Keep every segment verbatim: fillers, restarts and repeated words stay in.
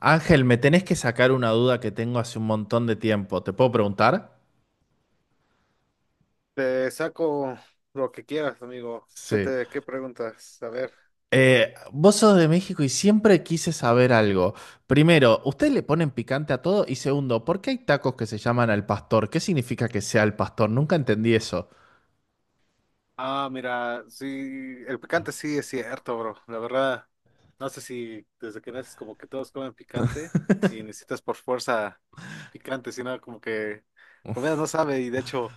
Ángel, me tenés que sacar una duda que tengo hace un montón de tiempo. ¿Te puedo preguntar? Te saco lo que quieras, amigo. ¿Qué Sí. te, qué preguntas? A ver. Eh, vos sos de México y siempre quise saber algo. Primero, ¿ustedes le ponen picante a todo? Y segundo, ¿por qué hay tacos que se llaman al pastor? ¿Qué significa que sea al pastor? Nunca entendí eso. Ah, mira, sí, el picante sí es cierto, bro. La verdad, no sé si desde que naces como que todos comen picante y necesitas por fuerza picante, sino como que comida no sabe. Y de hecho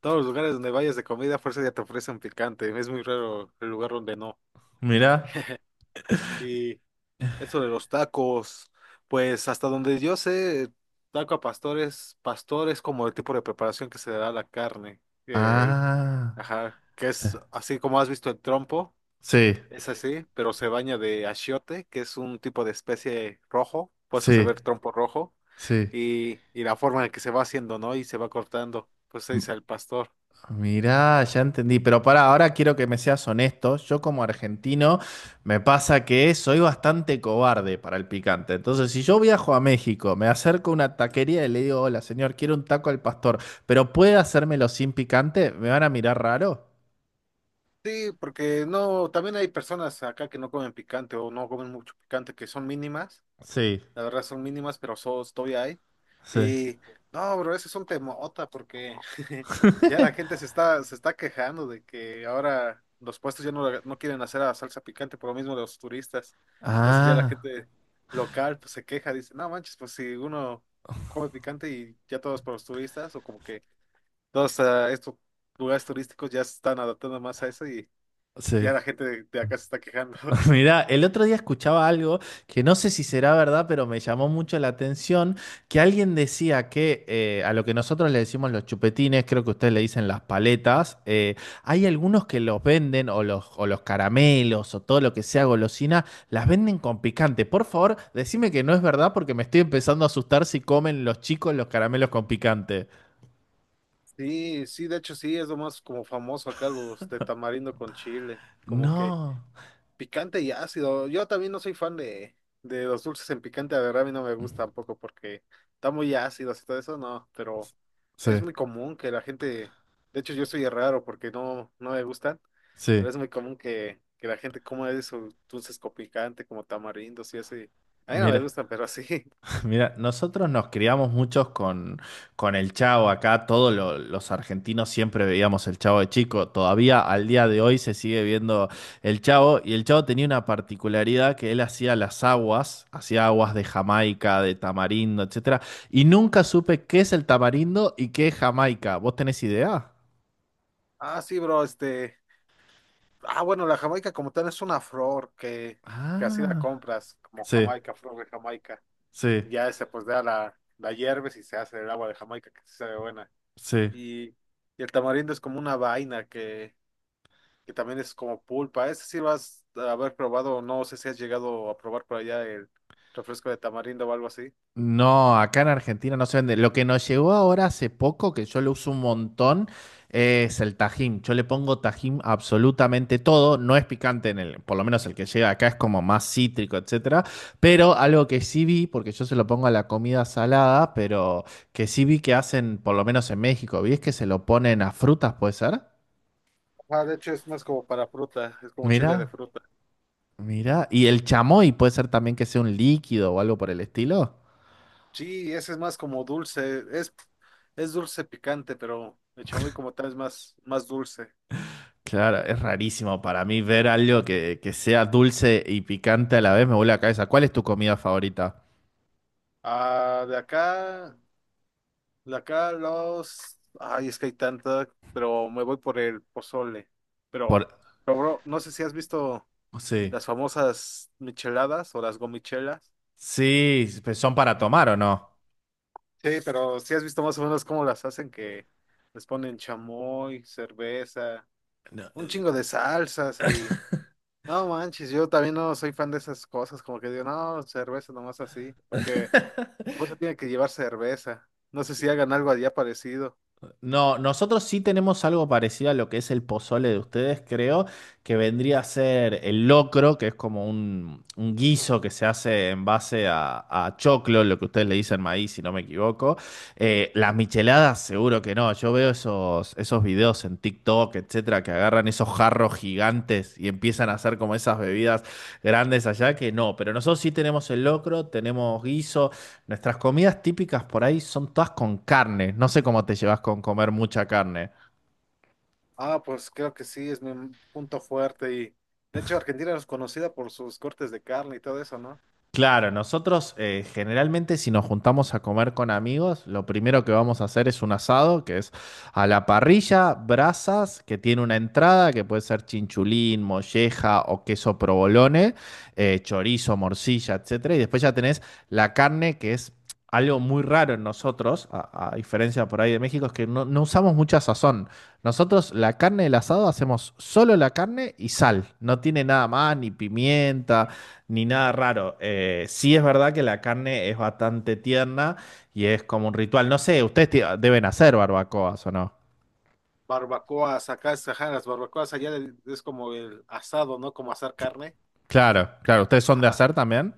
todos los lugares donde vayas de comida a fuerza ya te ofrecen picante. Es muy raro el lugar donde no. Mirá. Eso de los tacos, pues hasta donde yo sé, taco a pastores, pastor es como el tipo de preparación que se le da a la carne. El, Ah. ajá, que Eh, es así como has visto el trompo, Sí, es así, pero se baña de achiote, que es un tipo de especie rojo, pues eso se sí, ve el trompo rojo, sí. y, y la forma en que se va haciendo, ¿no? Y se va cortando, pues se dice el pastor. Mirá, ya entendí, pero para ahora quiero que me seas honesto. Yo como argentino me pasa que soy bastante cobarde para el picante. Entonces, si yo viajo a México, me acerco a una taquería y le digo, hola señor, quiero un taco al pastor, pero ¿puede hacérmelo sin picante? ¿Me van a mirar raro? Sí, porque no, también hay personas acá que no comen picante o no comen mucho picante, que son mínimas. Sí, La verdad son mínimas, pero so- todavía hay. sí. Y no, bro, eso es un temota porque ya la gente se está, se está quejando de que ahora los puestos ya no, la- no quieren hacer la salsa picante por lo mismo de los turistas. Entonces ya la Ah, gente local pues, se queja, dice, no manches, pues si uno come picante y ya todos por los turistas, o como que todos ah, estos lugares turísticos ya se están adaptando más a eso. Y, y ya sí. la gente de de acá se está quejando. Mira, el otro día escuchaba algo que no sé si será verdad, pero me llamó mucho la atención, que alguien decía que eh, a lo que nosotros le decimos los chupetines, creo que ustedes le dicen las paletas, eh, hay algunos que los venden o los, o los caramelos o todo lo que sea golosina, las venden con picante. Por favor, decime que no es verdad porque me estoy empezando a asustar si comen los chicos los caramelos con picante. Sí, sí, de hecho sí, es lo más como famoso acá los de tamarindo con chile, como que No. picante y ácido. Yo también no soy fan de, de los dulces en picante, la verdad a mí no me gusta tampoco porque está muy ácido y todo eso, no, pero Sí, es muy común que la gente, de hecho yo soy raro porque no, no me gustan, sí, pero es muy común que, que la gente coma esos dulces con picante como tamarindos y así. A mí no me mira. gustan, pero sí. Mira, nosotros nos criamos muchos con, con el Chavo acá, todos lo- los argentinos siempre veíamos el Chavo de chico, todavía al día de hoy se sigue viendo el Chavo y el Chavo tenía una particularidad que él hacía las aguas, hacía aguas de Jamaica, de tamarindo, etcétera, y nunca supe qué es el tamarindo y qué es Jamaica. ¿Vos tenés idea? Ah, sí, bro, este, ah, bueno, la Jamaica como tal es una flor que, que así la Ah, compras, como sí, Jamaica, flor de Jamaica. sí, Y ya esa pues da la, la hierves y se hace el agua de Jamaica, que sí sabe buena. sí. Y, y el tamarindo es como una vaina que, que también es como pulpa. Ese sí lo has de haber probado, no sé si has llegado a probar por allá el refresco de tamarindo o algo así. No, acá en Argentina no se vende. Lo que nos llegó ahora hace poco, que yo lo uso un montón, es el tajín. Yo le pongo tajín a absolutamente todo. No es picante en el, por lo menos el que llega acá es como más cítrico, etcétera. Pero algo que sí vi, porque yo se lo pongo a la comida salada, pero que sí vi que hacen, por lo menos en México, vi es que se lo ponen a frutas, ¿puede ser? Ah, de hecho es más como para fruta, es como chile de Mira, fruta. mira. Y el chamoy puede ser también que sea un líquido o algo por el estilo. Sí, ese es más como dulce, es, es dulce picante, pero el chamoy como tal es más, más dulce. Claro, es rarísimo para mí ver algo que, que sea dulce y picante a la vez, me vuelve la cabeza. ¿Cuál es tu comida favorita? Ah, de acá, de acá los... Ay, es que hay tanta, pero me voy por el pozole. Pero, Por... pero bro, no sé si has visto Sí. las famosas micheladas o las gomichelas. Sí, ¿pero son para tomar o no? Sí, pero si has visto más o menos cómo las hacen, que les ponen chamoy, cerveza, No. un chingo de salsas y... No manches, yo también no soy fan de esas cosas, como que digo, no, cerveza nomás así, porque por eso tiene que llevar cerveza. No sé si hagan algo allá parecido. No, nosotros sí tenemos algo parecido a lo que es el pozole de ustedes, creo, que vendría a ser el locro, que es como un, un guiso que se hace en base a, a choclo, lo que ustedes le dicen maíz, si no me equivoco. Eh, las micheladas, seguro que no. Yo veo esos, esos videos en TikTok, etcétera, que agarran esos jarros gigantes y empiezan a hacer como esas bebidas grandes allá, que no. Pero nosotros sí tenemos el locro, tenemos guisos. Nuestras comidas típicas por ahí son todas con carne. No sé cómo te llevas con comer mucha carne. Ah, pues creo que sí, es mi punto fuerte y de hecho Argentina es conocida por sus cortes de carne y todo eso, ¿no? Claro, nosotros eh, generalmente si nos juntamos a comer con amigos, lo primero que vamos a hacer es un asado, que es a la parrilla, brasas, que tiene una entrada, que puede ser chinchulín, molleja o queso provolone, eh, chorizo, morcilla, etcétera. Y después ya tenés la carne, que es algo muy raro en nosotros, a, a diferencia por ahí de México, es que no, no usamos mucha sazón. Nosotros la carne del asado hacemos solo la carne y sal, no tiene nada más, ni pimienta. Ni nada raro. Eh, sí es verdad que la carne es bastante tierna y es como un ritual. No sé, ustedes ti- deben hacer barbacoas o no. Barbacoas, acá es, ajá, las barbacoas allá del- es como el asado, ¿no? Como asar carne. Claro, claro. ¿Ustedes son de hacer Ajá. también?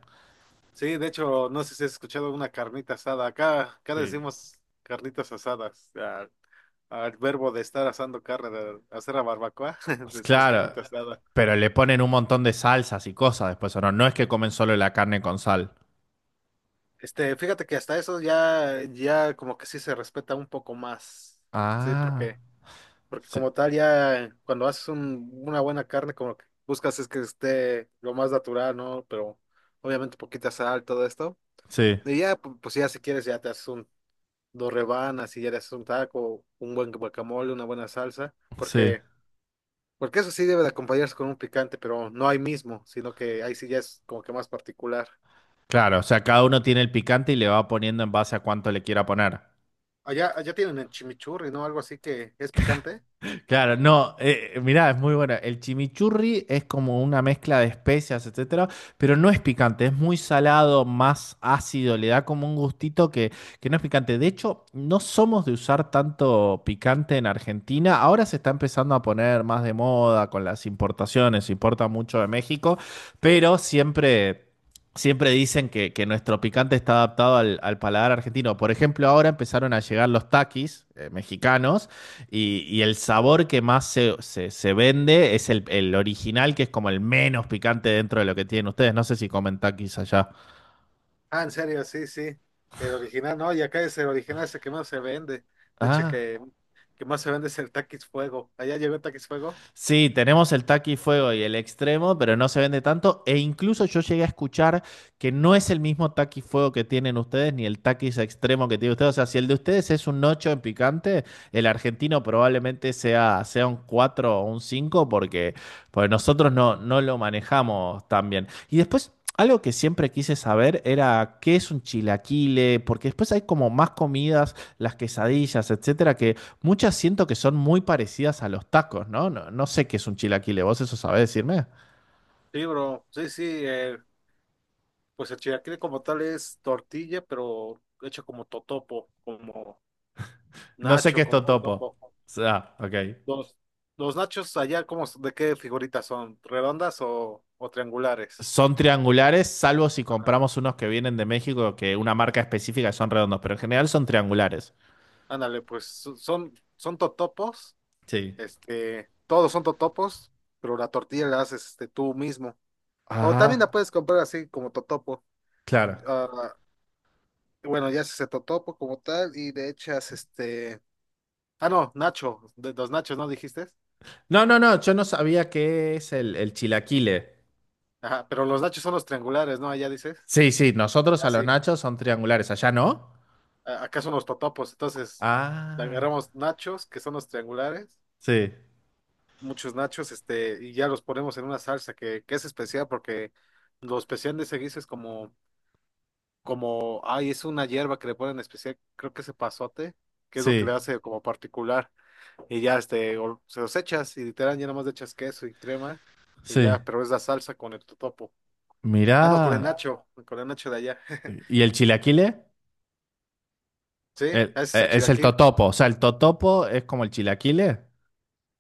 Sí, de hecho, no sé si has escuchado una carnita asada. Acá, acá Sí. decimos carnitas asadas. Al, al verbo de estar asando carne, de hacer la barbacoa, decimos Claro, carnita asada. pero le ponen un montón de salsas y cosas después, ¿o no? No es que comen solo la carne con sal. Este, fíjate que hasta eso ya, ya como que sí se respeta un poco más. Sí, Ah, porque porque sí, como tal, ya cuando haces un- una buena carne, como que buscas es que esté lo más natural, ¿no? Pero obviamente poquita sal, todo esto. sí, Y ya, pu- pues ya si quieres, ya te haces un, dos rebanas y ya te haces un taco, un buen guacamole, una buena salsa. sí. Porque, porque eso sí debe de acompañarse con un picante, pero no ahí mismo, sino que ahí sí ya es como que más particular. Claro, o sea, cada uno tiene el picante y le va poniendo en base a cuánto le quiera poner. Allá, allá tienen el chimichurri, ¿no? Algo así que es picante. Claro, no, eh, mirá, es muy buena. El chimichurri es como una mezcla de especias, etcétera, pero no es picante, es muy salado, más ácido, le da como un gustito que, que no es picante. De hecho, no somos de usar tanto picante en Argentina. Ahora se está empezando a poner más de moda con las importaciones, se importa mucho de México, pero siempre. Siempre dicen que, que nuestro picante está adaptado al, al paladar argentino. Por ejemplo, ahora empezaron a llegar los taquis eh, mexicanos y, y el sabor que más se, se- se vende es el, el original, que es como el menos picante dentro de lo que tienen ustedes. No sé si comentan quizás allá. Ah, en serio, sí, sí. El original, no, y acá es el original, es el que más se vende. De hecho, Ah. que, que más se vende es el Takis Fuego. ¿Allá llegó el Takis Fuego? Sí, tenemos el taqui fuego y el extremo, pero no se vende tanto. E incluso yo llegué a escuchar que no es el mismo taqui fuego que tienen ustedes, ni el taquis extremo que tiene ustedes. O sea, si el de ustedes es un ocho en picante, el argentino probablemente sea, sea un cuatro o un cinco porque, porque nosotros no, no lo manejamos tan bien. Y después. Algo que siempre quise saber era qué es un chilaquile, porque después hay como más comidas, las quesadillas, etcétera, que muchas siento que son muy parecidas a los tacos, ¿no? No, no sé qué es un chilaquile, ¿vos eso sabés decirme? Sí, bro, sí, sí. Eh, pues el chilaquil como tal es tortilla, pero hecho como totopo, como No sé qué nacho, es como totopo. O totopo. sea, ok. Los, los nachos allá, ¿cómo, de qué figuritas son? ¿Redondas o, o triangulares? Son triangulares, salvo si Ajá. compramos unos que vienen de México, que una marca específica que son redondos, pero en general son triangulares. Ándale, pues so- son, son totopos, Sí. este, todos son totopos, pero la tortilla la haces este, tú mismo. O también la Ah, puedes comprar así como totopo. claro. Ah, bueno, ya se totopo como tal y de hechas este... Ah, no, nacho, de los nachos, ¿no dijiste? No, no, no, yo no sabía qué es el, el chilaquile. Ajá, pero los nachos son los triangulares, ¿no? Allá dices. Sí, sí, nosotros Ah, a los sí. nachos son triangulares, allá no. a- Acá son los totopos, entonces le Ah, agarramos nachos, que son los triangulares, sí, muchos nachos, este, y ya los ponemos en una salsa que, que es especial porque lo especial de ese guiso es como, como, ay, es una hierba que le ponen especial, creo que es epazote, que es lo que sí, le hace como particular. Y ya este, o- se los echas y literal ya nomás le echas queso y crema y sí. ya, pero es la salsa con el totopo. Ah, no, con el Mirá. nacho, con el nacho de allá. ¿Y el chilaquile? Sí, ese El- es eh, el Es el chilaquil. totopo. O sea, el totopo es como el chilaquile.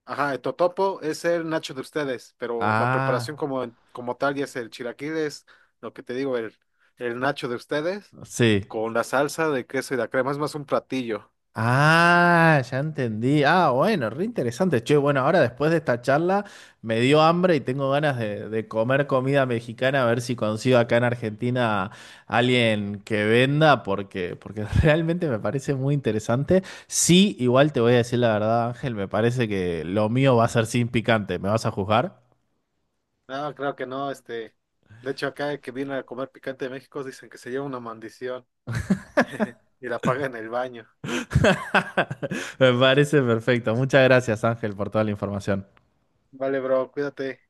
Ajá, el totopo es el nacho de ustedes, pero la Ah, preparación como, como tal ya es el chilaquil, es lo que te digo, el, el nacho de ustedes sí. con la salsa de queso y la crema, es más un platillo. Ah, ya entendí. Ah, bueno, re interesante. Che, bueno, ahora después de esta charla me dio hambre y tengo ganas de, de comer comida mexicana, a ver si consigo acá en Argentina alguien que venda, porque, porque realmente me parece muy interesante. Sí, igual te voy a decir la verdad, Ángel, me parece que lo mío va a ser sin picante. ¿Me vas a juzgar? No, creo que no, este. De hecho, acá el que viene a comer picante de México dicen que se lleva una maldición y la paga en el baño. Me parece perfecto. Muchas gracias, Ángel, por toda la información. Vale, bro, cuídate.